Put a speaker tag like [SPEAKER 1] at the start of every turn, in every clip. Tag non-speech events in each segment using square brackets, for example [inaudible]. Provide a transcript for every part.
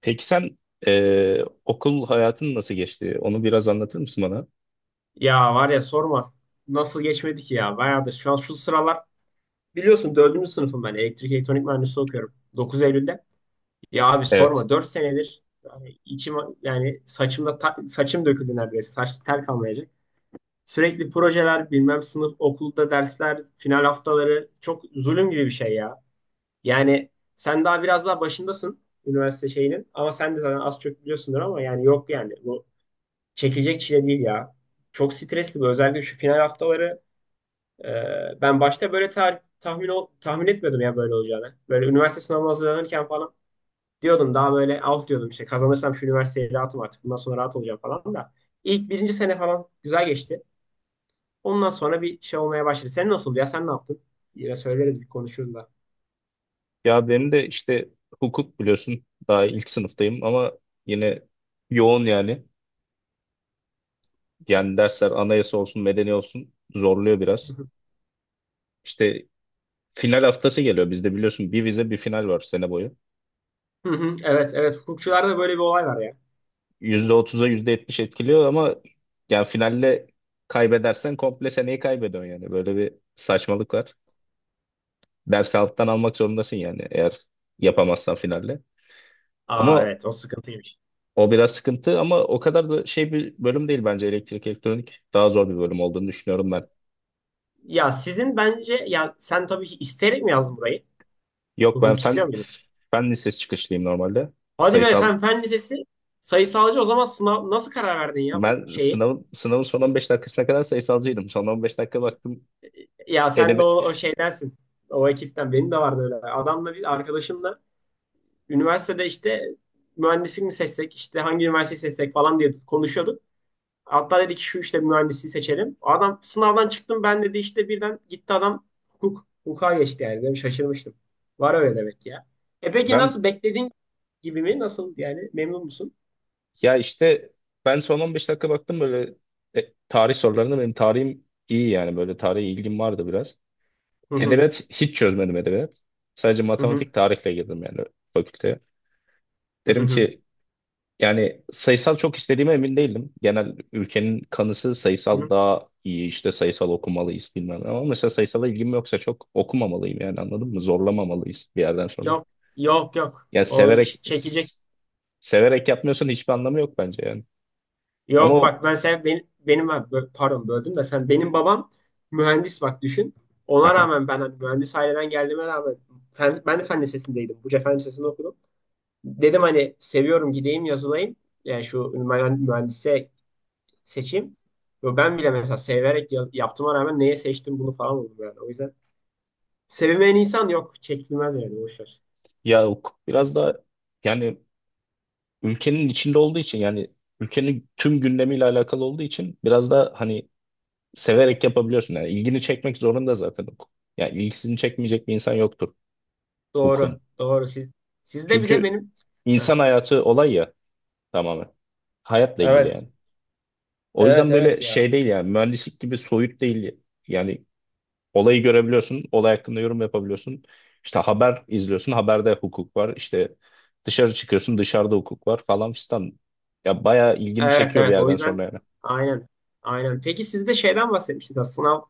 [SPEAKER 1] Peki sen okul hayatın nasıl geçti? Onu biraz anlatır mısın bana?
[SPEAKER 2] Ya var ya sorma. Nasıl geçmedi ki ya? Bayağıdır. Şu an şu sıralar biliyorsun dördüncü sınıfım ben. Elektrik elektronik mühendisliği okuyorum. 9 Eylül'de. Ya abi
[SPEAKER 1] Evet.
[SPEAKER 2] sorma. 4 senedir yani içim, yani saçımda saçım döküldü neredeyse. Saç tel kalmayacak. Sürekli projeler, bilmem sınıf, okulda dersler, final haftaları çok zulüm gibi bir şey ya. Yani sen daha biraz daha başındasın üniversite şeyinin, ama sen de zaten az çok biliyorsundur. Ama yani yok yani bu çekilecek çile değil ya. Çok stresli bu, özellikle şu final haftaları. Ben başta böyle tahmin tahmin etmiyordum ya böyle olacağını. Böyle üniversite sınavına hazırlanırken falan diyordum, daha böyle alt diyordum işte, kazanırsam şu üniversiteyi rahatım artık, bundan sonra rahat olacağım falan da. İlk birinci sene falan güzel geçti. Ondan sonra bir şey olmaya başladı. Sen nasıldı ya, sen ne yaptın? Yine söyleriz, bir konuşuruz da.
[SPEAKER 1] Ya benim de işte hukuk biliyorsun, daha ilk sınıftayım ama yine yoğun yani. Yani dersler anayasa olsun, medeni olsun zorluyor biraz.
[SPEAKER 2] Hı
[SPEAKER 1] İşte final haftası geliyor bizde, biliyorsun bir vize bir final var sene boyu.
[SPEAKER 2] hı. [laughs] Evet, evet, hukukçularda böyle bir olay var ya.
[SPEAKER 1] %30'a %70 etkiliyor ama yani finalle kaybedersen komple seneyi kaybediyorsun yani. Böyle bir saçmalık var. Dersi alttan almak zorundasın yani, eğer yapamazsan finalle.
[SPEAKER 2] Aa,
[SPEAKER 1] Ama
[SPEAKER 2] evet, o sıkıntıymış.
[SPEAKER 1] o biraz sıkıntı, ama o kadar da şey bir bölüm değil bence elektrik elektronik. Daha zor bir bölüm olduğunu düşünüyorum ben.
[SPEAKER 2] Ya sizin bence, ya sen tabii ki isteyerek mi yazdın burayı?
[SPEAKER 1] Yok, ben
[SPEAKER 2] Hukuk istiyor.
[SPEAKER 1] fen lisesi çıkışlıyım normalde.
[SPEAKER 2] Hadi be
[SPEAKER 1] Sayısal.
[SPEAKER 2] sen fen lisesi sayısalcı, o zaman sınav nasıl karar verdin ya bu
[SPEAKER 1] Ben
[SPEAKER 2] şeyi?
[SPEAKER 1] sınavın son 15 dakikasına kadar sayısalcıydım. Son 15 dakika baktım,
[SPEAKER 2] Ya sen de o,
[SPEAKER 1] edebi.
[SPEAKER 2] o şeydensin. O ekipten benim de vardı öyle. Adamla, bir arkadaşımla üniversitede işte mühendislik mi seçsek, işte hangi üniversiteyi seçsek falan diye konuşuyorduk. Hatta dedi ki şu işte mühendisliği seçelim. Adam sınavdan çıktım ben dedi, işte birden gitti adam hukuk. Hukuka geçti yani. Ben şaşırmıştım. Var öyle demek ki ya. E peki,
[SPEAKER 1] Ben,
[SPEAKER 2] nasıl, beklediğin gibi mi? Nasıl yani, memnun musun?
[SPEAKER 1] ya işte, ben son 15 dakika baktım böyle tarih sorularına. Benim tarihim iyi yani, böyle tarihe ilgim vardı biraz.
[SPEAKER 2] Hı hı.
[SPEAKER 1] Edebiyat hiç çözmedim, edebiyat. Sadece
[SPEAKER 2] Hı hı.
[SPEAKER 1] matematik, tarihle girdim yani fakülteye.
[SPEAKER 2] Hı
[SPEAKER 1] Dedim
[SPEAKER 2] hı.
[SPEAKER 1] ki, yani sayısal çok istediğime emin değilim. Genel ülkenin kanısı
[SPEAKER 2] Hı
[SPEAKER 1] sayısal
[SPEAKER 2] hı.
[SPEAKER 1] daha iyi, işte sayısal okumalıyız bilmem ne. Ama mesela sayısala ilgim yoksa çok okumamalıyım yani, anladın mı? Zorlamamalıyız bir yerden sonra.
[SPEAKER 2] Yok, yok, yok.
[SPEAKER 1] Yani
[SPEAKER 2] O çekecek.
[SPEAKER 1] severek yapmıyorsan hiçbir anlamı yok bence yani. Ama
[SPEAKER 2] Yok
[SPEAKER 1] o.
[SPEAKER 2] bak, ben sen benim pardon, böldüm de, sen benim babam mühendis bak, düşün. Ona
[SPEAKER 1] Aha.
[SPEAKER 2] rağmen ben, hani mühendis aileden geldiğime rağmen, ben de fen lisesindeydim. Buca Fen Lisesi'nde okudum. Dedim hani seviyorum, gideyim yazılayım. Yani şu mühendise seçeyim. Yo, ben bile mesela severek yaptığıma rağmen neye seçtim bunu falan oldum yani. O yüzden sevilmeyen insan yok. Çekilmez yani, boşver.
[SPEAKER 1] Ya hukuk biraz da, yani ülkenin içinde olduğu için, yani ülkenin tüm gündemiyle alakalı olduğu için biraz da hani severek yapabiliyorsun yani, ilgini çekmek zorunda zaten hukuk. Yani ilgisini çekmeyecek bir insan yoktur
[SPEAKER 2] Doğru.
[SPEAKER 1] hukum.
[SPEAKER 2] Doğru. Siz, sizde bir de
[SPEAKER 1] Çünkü
[SPEAKER 2] benim. Heh,
[SPEAKER 1] insan hayatı olay ya, tamamen. Hayatla ilgili
[SPEAKER 2] evet.
[SPEAKER 1] yani. O
[SPEAKER 2] Evet,
[SPEAKER 1] yüzden böyle
[SPEAKER 2] evet ya.
[SPEAKER 1] şey değil yani, mühendislik gibi soyut değil. Yani olayı görebiliyorsun, olay hakkında yorum yapabiliyorsun. İşte haber izliyorsun, haberde hukuk var. İşte dışarı çıkıyorsun, dışarıda hukuk var falan filan. Ya bayağı ilgini
[SPEAKER 2] Evet,
[SPEAKER 1] çekiyor bir
[SPEAKER 2] evet, o
[SPEAKER 1] yerden
[SPEAKER 2] yüzden
[SPEAKER 1] sonra yani.
[SPEAKER 2] aynen, aynen. Peki sizde şeyden bahsetmiştiniz aslında, sınav,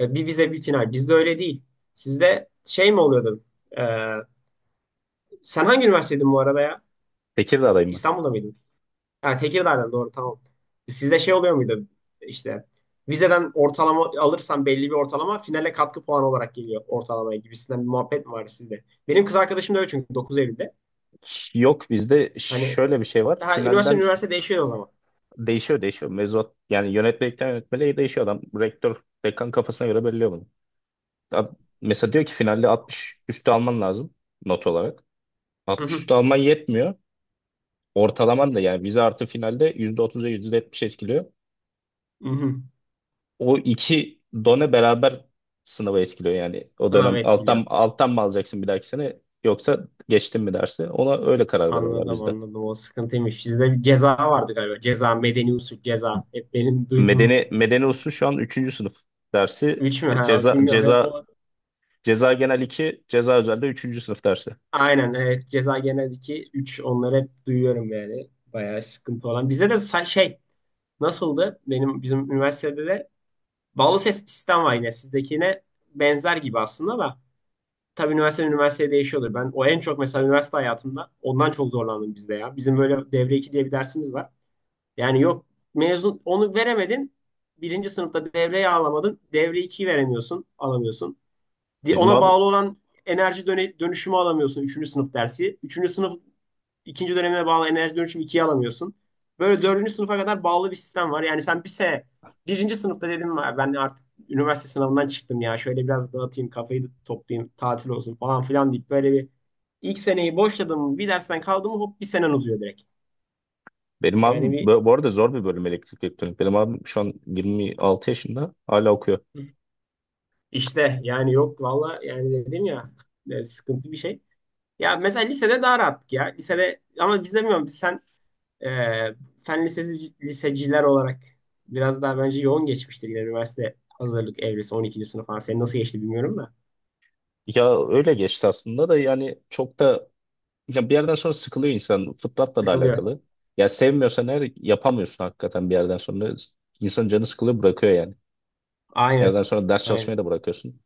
[SPEAKER 2] bir vize bir final. Bizde öyle değil. Sizde şey mi oluyordu? E, sen hangi üniversitedin bu arada ya?
[SPEAKER 1] Tekirdağ'dayım ben.
[SPEAKER 2] İstanbul'da mıydın? Ha, Tekirdağ'dan, doğru, tamam. Sizde şey oluyor muydu? İşte vizeden ortalama alırsan belli bir ortalama finale katkı puanı olarak geliyor ortalamaya gibisinden bir muhabbet mi var sizde? Benim kız arkadaşım da öyle, çünkü Dokuz Eylül'de.
[SPEAKER 1] Yok, bizde
[SPEAKER 2] Hani
[SPEAKER 1] şöyle bir şey var.
[SPEAKER 2] daha üniversite
[SPEAKER 1] Finalden
[SPEAKER 2] üniversite değişiyor o zaman.
[SPEAKER 1] değişiyor değişiyor. Mevzuat yani yönetmelikten yönetmeliğe değişiyor adam. Rektör, dekan kafasına göre belirliyor bunu. Ad- Mesela diyor ki finalde 60 üstü alman lazım not olarak.
[SPEAKER 2] Hı
[SPEAKER 1] 60
[SPEAKER 2] hı.
[SPEAKER 1] üstü alman yetmiyor. Ortalaman da yani, vize artı finalde %30'a yüzde %70 etkiliyor.
[SPEAKER 2] Hı hı.
[SPEAKER 1] O iki done beraber sınavı etkiliyor yani o
[SPEAKER 2] Sınav
[SPEAKER 1] dönem. Alttan,
[SPEAKER 2] etkiliyor.
[SPEAKER 1] alttan mı alacaksın bir dahaki sene, yoksa geçtin mi dersi? Ona öyle karar veriyorlar
[SPEAKER 2] Anladım,
[SPEAKER 1] bizde.
[SPEAKER 2] anladım, o sıkıntıymış. Sizde bir ceza vardı galiba. Ceza, medeni usul, ceza. Hep benim duyduğum.
[SPEAKER 1] Medeni usul şu an üçüncü sınıf dersi.
[SPEAKER 2] Üç mü? [laughs] Ha,
[SPEAKER 1] Ceza,
[SPEAKER 2] bilmiyorum, hep
[SPEAKER 1] ceza,
[SPEAKER 2] o.
[SPEAKER 1] ceza genel iki, ceza özelde üçüncü sınıf dersi.
[SPEAKER 2] Aynen, evet, ceza geneldeki üç, onları hep duyuyorum yani. Bayağı sıkıntı olan. Bizde de şey nasıldı? Benim, bizim üniversitede de bağlı ses sistem var yine, sizdekine benzer gibi aslında, ama tabii üniversite üniversiteye değişiyordur. Ben o en çok mesela üniversite hayatımda ondan çok zorlandım bizde ya. Bizim böyle devre 2 diye bir dersimiz var. Yani yok, mezun, onu veremedin. Birinci sınıfta devreyi alamadın. Devre ikiyi veremiyorsun. Alamıyorsun.
[SPEAKER 1] Benim
[SPEAKER 2] Ona
[SPEAKER 1] abi
[SPEAKER 2] bağlı olan enerji dönüşümü alamıyorsun. Üçüncü sınıf dersi. Üçüncü sınıf ikinci dönemine bağlı enerji dönüşümü 2'yi alamıyorsun. Böyle dördüncü sınıfa kadar bağlı bir sistem var. Yani sen bir sene, birinci sınıfta dedim, "Ya, ben artık üniversite sınavından çıktım ya. Şöyle biraz dağıtayım kafayı da toplayayım, tatil olsun falan filan," deyip böyle bir ilk seneyi boşladım, bir dersten kaldım, hop bir senen uzuyor direkt.
[SPEAKER 1] Benim
[SPEAKER 2] Yani
[SPEAKER 1] abim
[SPEAKER 2] bir.
[SPEAKER 1] bu arada zor bir bölüm, elektrik elektronik. Benim abim şu an 26 yaşında hala okuyor.
[SPEAKER 2] İşte yani yok valla, yani dedim ya, sıkıntı bir şey. Ya mesela lisede daha rahattık ya. Lisede ama, biz de bilmiyorum, biz sen, e, fen lisesi, liseciler olarak biraz daha bence yoğun geçmiştir yine üniversite hazırlık evresi, 12. sınıf falan. Senin nasıl geçti bilmiyorum da.
[SPEAKER 1] Ya öyle geçti aslında da, yani çok da, ya bir yerden sonra sıkılıyor insan. Fıtratla da
[SPEAKER 2] Sıkılıyor.
[SPEAKER 1] alakalı. Ya sevmiyorsan eğer, yapamıyorsun hakikaten bir yerden sonra. İnsanın canı sıkılıyor, bırakıyor yani. Bir
[SPEAKER 2] Aynen.
[SPEAKER 1] yerden sonra ders
[SPEAKER 2] Aynen.
[SPEAKER 1] çalışmayı da bırakıyorsun.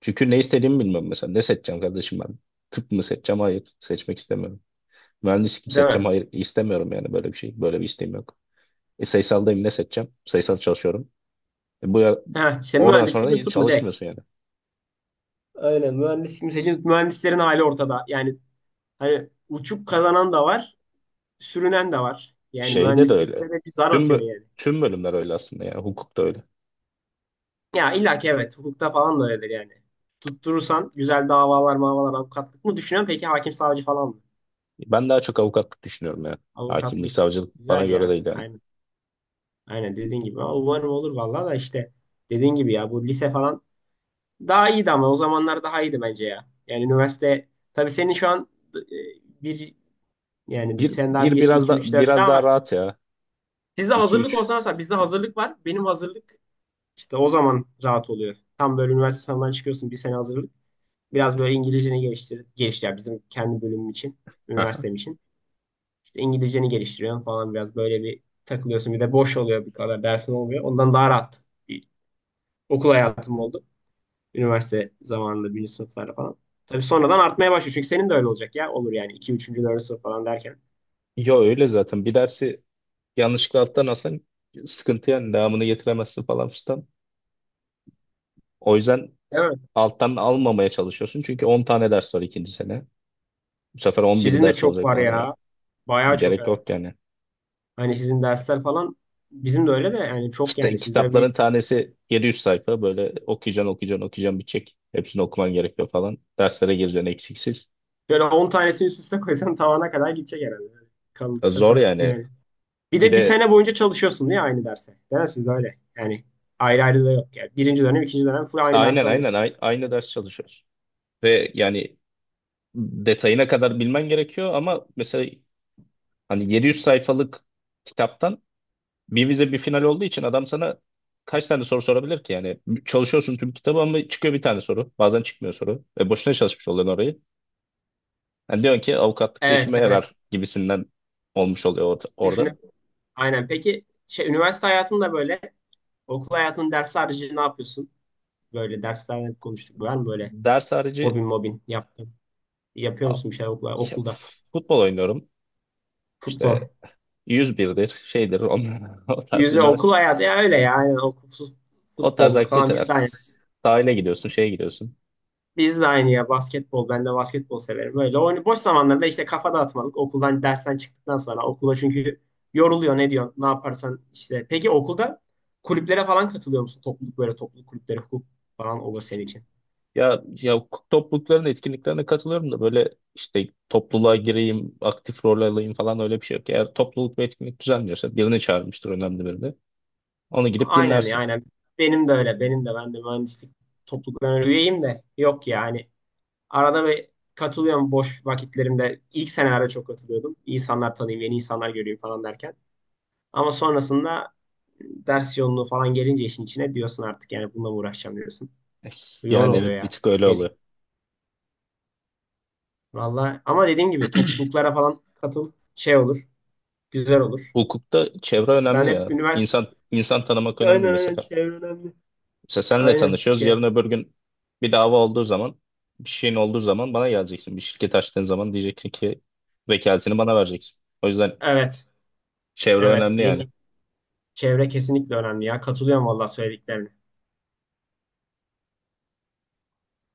[SPEAKER 1] Çünkü ne istediğimi bilmiyorum mesela. Ne seçeceğim kardeşim ben? Tıp mı seçeceğim? Hayır. Seçmek istemiyorum. Mühendislik mi
[SPEAKER 2] Değil
[SPEAKER 1] seçeceğim?
[SPEAKER 2] mi?
[SPEAKER 1] Hayır. istemiyorum yani, böyle bir şey. Böyle bir isteğim yok. Sayısaldayım, ne seçeceğim? Sayısal çalışıyorum. Bu,
[SPEAKER 2] Ha, işte
[SPEAKER 1] oradan sonra
[SPEAKER 2] mühendislik mi,
[SPEAKER 1] hiç
[SPEAKER 2] tıp mı? Direkt.
[SPEAKER 1] çalışmıyorsun yani.
[SPEAKER 2] Aynen, mühendislik mi? Mühendislerin hali ortada. Yani hani, uçup kazanan da var, sürünen de var. Yani
[SPEAKER 1] Şeyde de öyle.
[SPEAKER 2] mühendislikte de bir zar
[SPEAKER 1] Tüm
[SPEAKER 2] atıyor
[SPEAKER 1] bö-
[SPEAKER 2] yani.
[SPEAKER 1] Tüm bölümler öyle aslında yani. Hukuk da öyle.
[SPEAKER 2] Ya illa ki, evet, hukukta falan da öyledir yani. Tutturursan güzel davalar mavalar. Avukatlık mı düşünüyorsun? Peki hakim, savcı falan mı?
[SPEAKER 1] Ben daha çok avukatlık düşünüyorum yani. Hakimlik,
[SPEAKER 2] Avukatlık.
[SPEAKER 1] savcılık bana
[SPEAKER 2] Güzel
[SPEAKER 1] göre
[SPEAKER 2] ya.
[SPEAKER 1] değil yani.
[SPEAKER 2] Aynen. Aynen dediğin gibi. Ama umarım olur vallahi. Da işte dediğin gibi ya, bu lise falan daha iyiydi, ama o zamanlar daha iyiydi bence ya. Yani üniversite, tabii senin şu an bir, yani
[SPEAKER 1] Bir,
[SPEAKER 2] sen daha
[SPEAKER 1] bir
[SPEAKER 2] 1,
[SPEAKER 1] biraz
[SPEAKER 2] 2,
[SPEAKER 1] da
[SPEAKER 2] 3, 4
[SPEAKER 1] biraz
[SPEAKER 2] daha
[SPEAKER 1] daha
[SPEAKER 2] var.
[SPEAKER 1] rahat ya.
[SPEAKER 2] Sizde
[SPEAKER 1] 2
[SPEAKER 2] hazırlık
[SPEAKER 1] 3.
[SPEAKER 2] olsa mesela, bizde hazırlık var. Benim hazırlık işte, o zaman rahat oluyor. Tam böyle üniversite sınavından çıkıyorsun, bir sene hazırlık. Biraz böyle İngilizceni geliştir, geliştir yani bizim kendi bölümüm için, üniversitem için. İşte İngilizceni geliştiriyorsun falan, biraz böyle bir takılıyorsun. Bir de boş oluyor, bir kadar dersin olmuyor. Ondan daha rahat bir okul hayatım oldu. Üniversite zamanında, birinci sınıflarda falan. Tabii sonradan artmaya başlıyor. Çünkü senin de öyle olacak ya. Olur yani iki, 3. 4. sınıf falan derken.
[SPEAKER 1] Yo, öyle zaten. Bir dersi yanlışlıkla alttan alsan sıkıntı yani, devamını getiremezsin falan filan. O yüzden
[SPEAKER 2] Evet.
[SPEAKER 1] alttan almamaya çalışıyorsun. Çünkü 10 tane ders var ikinci sene. Bu sefer 11
[SPEAKER 2] Sizin de
[SPEAKER 1] ders
[SPEAKER 2] çok
[SPEAKER 1] olacak
[SPEAKER 2] var
[SPEAKER 1] falan. Yani,
[SPEAKER 2] ya. Bayağı çok,
[SPEAKER 1] gerek
[SPEAKER 2] evet.
[SPEAKER 1] yok yani.
[SPEAKER 2] Hani sizin dersler falan, bizim de öyle de, yani çok yani sizde, bir
[SPEAKER 1] Kitapların tanesi 700 sayfa, böyle okuyacaksın okuyacaksın okuyacaksın bitecek. Hepsini okuman gerekiyor falan. Derslere gireceksin eksiksiz.
[SPEAKER 2] böyle 10 tanesini üst üste koysan tavana kadar gidecek herhalde. Yani kalınlıkta
[SPEAKER 1] Zor yani.
[SPEAKER 2] yani. Bir
[SPEAKER 1] Bir
[SPEAKER 2] de bir
[SPEAKER 1] de
[SPEAKER 2] sene boyunca çalışıyorsun değil mi aynı derse? Değil mi, sizde öyle? Yani ayrı ayrı da yok yani. Birinci dönem, ikinci dönem full aynı
[SPEAKER 1] aynen,
[SPEAKER 2] dersi
[SPEAKER 1] aynen,
[SPEAKER 2] alıyorsunuz.
[SPEAKER 1] aynı ders çalışıyoruz. Ve yani detayına kadar bilmen gerekiyor, ama mesela hani 700 sayfalık kitaptan bir vize bir final olduğu için, adam sana kaç tane soru sorabilir ki yani? Çalışıyorsun tüm kitabı ama çıkıyor bir tane soru, bazen çıkmıyor soru ve boşuna çalışmış oluyorsun. Yani diyorsun ki avukatlıkta
[SPEAKER 2] Evet,
[SPEAKER 1] işime
[SPEAKER 2] evet.
[SPEAKER 1] yarar gibisinden olmuş oluyor orada.
[SPEAKER 2] Düşünün. Aynen. Peki şey, üniversite hayatında böyle okul hayatının dersi harici ne yapıyorsun? Böyle derslerden konuştuk. Var mı böyle
[SPEAKER 1] Ders harici
[SPEAKER 2] hobin mobin yaptın? Yapıyor
[SPEAKER 1] a-
[SPEAKER 2] musun bir şeyler okula,
[SPEAKER 1] ya,
[SPEAKER 2] okulda?
[SPEAKER 1] futbol oynuyorum.
[SPEAKER 2] Futbol.
[SPEAKER 1] İşte yüz birdir şeydir onlar, [laughs] o tarz
[SPEAKER 2] Yüzme, okul
[SPEAKER 1] üniversite.
[SPEAKER 2] hayatı ya öyle ya. Aynen, okulsuz
[SPEAKER 1] O tarz
[SPEAKER 2] futboldur falan,
[SPEAKER 1] aktiviteler.
[SPEAKER 2] biz de aynı.
[SPEAKER 1] Sahile gidiyorsun, şeye gidiyorsun.
[SPEAKER 2] Biz de aynı ya, basketbol. Ben de basketbol severim. Öyle oyun boş zamanlarda işte, kafa dağıtmalık. Okuldan, dersten çıktıktan sonra okula, çünkü yoruluyor, ne diyorsun, ne yaparsan işte. Peki okulda kulüplere falan katılıyor musun? Topluluk, böyle topluluk kulüpleri, hukuk falan olur senin için.
[SPEAKER 1] Ya toplulukların etkinliklerine katılıyorum da, böyle işte topluluğa gireyim, aktif rol alayım falan öyle bir şey yok. Eğer topluluk bir etkinlik düzenliyorsa, birini çağırmıştır önemli birini. Onu gidip
[SPEAKER 2] Aynen ya,
[SPEAKER 1] dinlersin.
[SPEAKER 2] aynen. Benim de öyle. Benim de, ben de mühendislik topluluklarına üyeyim de, yok yani. Arada bir katılıyorum boş vakitlerimde. İlk senelerde çok katılıyordum. İnsanlar tanıyayım, yeni insanlar göreyim falan derken. Ama sonrasında ders yoğunluğu falan gelince işin içine, diyorsun artık yani bununla mı uğraşacağım diyorsun.
[SPEAKER 1] Eh,
[SPEAKER 2] Yoğun
[SPEAKER 1] Yani
[SPEAKER 2] oluyor
[SPEAKER 1] evet, bir
[SPEAKER 2] ya,
[SPEAKER 1] tık öyle
[SPEAKER 2] dediğim.
[SPEAKER 1] oluyor.
[SPEAKER 2] Vallahi ama dediğim gibi, topluluklara falan katıl, şey olur. Güzel olur.
[SPEAKER 1] Hukukta çevre
[SPEAKER 2] Ben
[SPEAKER 1] önemli
[SPEAKER 2] hep
[SPEAKER 1] ya.
[SPEAKER 2] üniversite,
[SPEAKER 1] İnsan tanımak önemli
[SPEAKER 2] aynen, aynen,
[SPEAKER 1] mesela.
[SPEAKER 2] çevre önemli.
[SPEAKER 1] Mesela senle
[SPEAKER 2] Aynen,
[SPEAKER 1] tanışıyoruz. Yarın
[SPEAKER 2] çevre.
[SPEAKER 1] öbür gün bir dava olduğu zaman, bir şeyin olduğu zaman bana geleceksin. Bir şirket açtığın zaman diyeceksin ki, vekaletini bana vereceksin. O yüzden
[SPEAKER 2] Evet.
[SPEAKER 1] çevre
[SPEAKER 2] Evet.
[SPEAKER 1] önemli yani.
[SPEAKER 2] Yeni çevre kesinlikle önemli ya. Katılıyorum vallahi söylediklerine.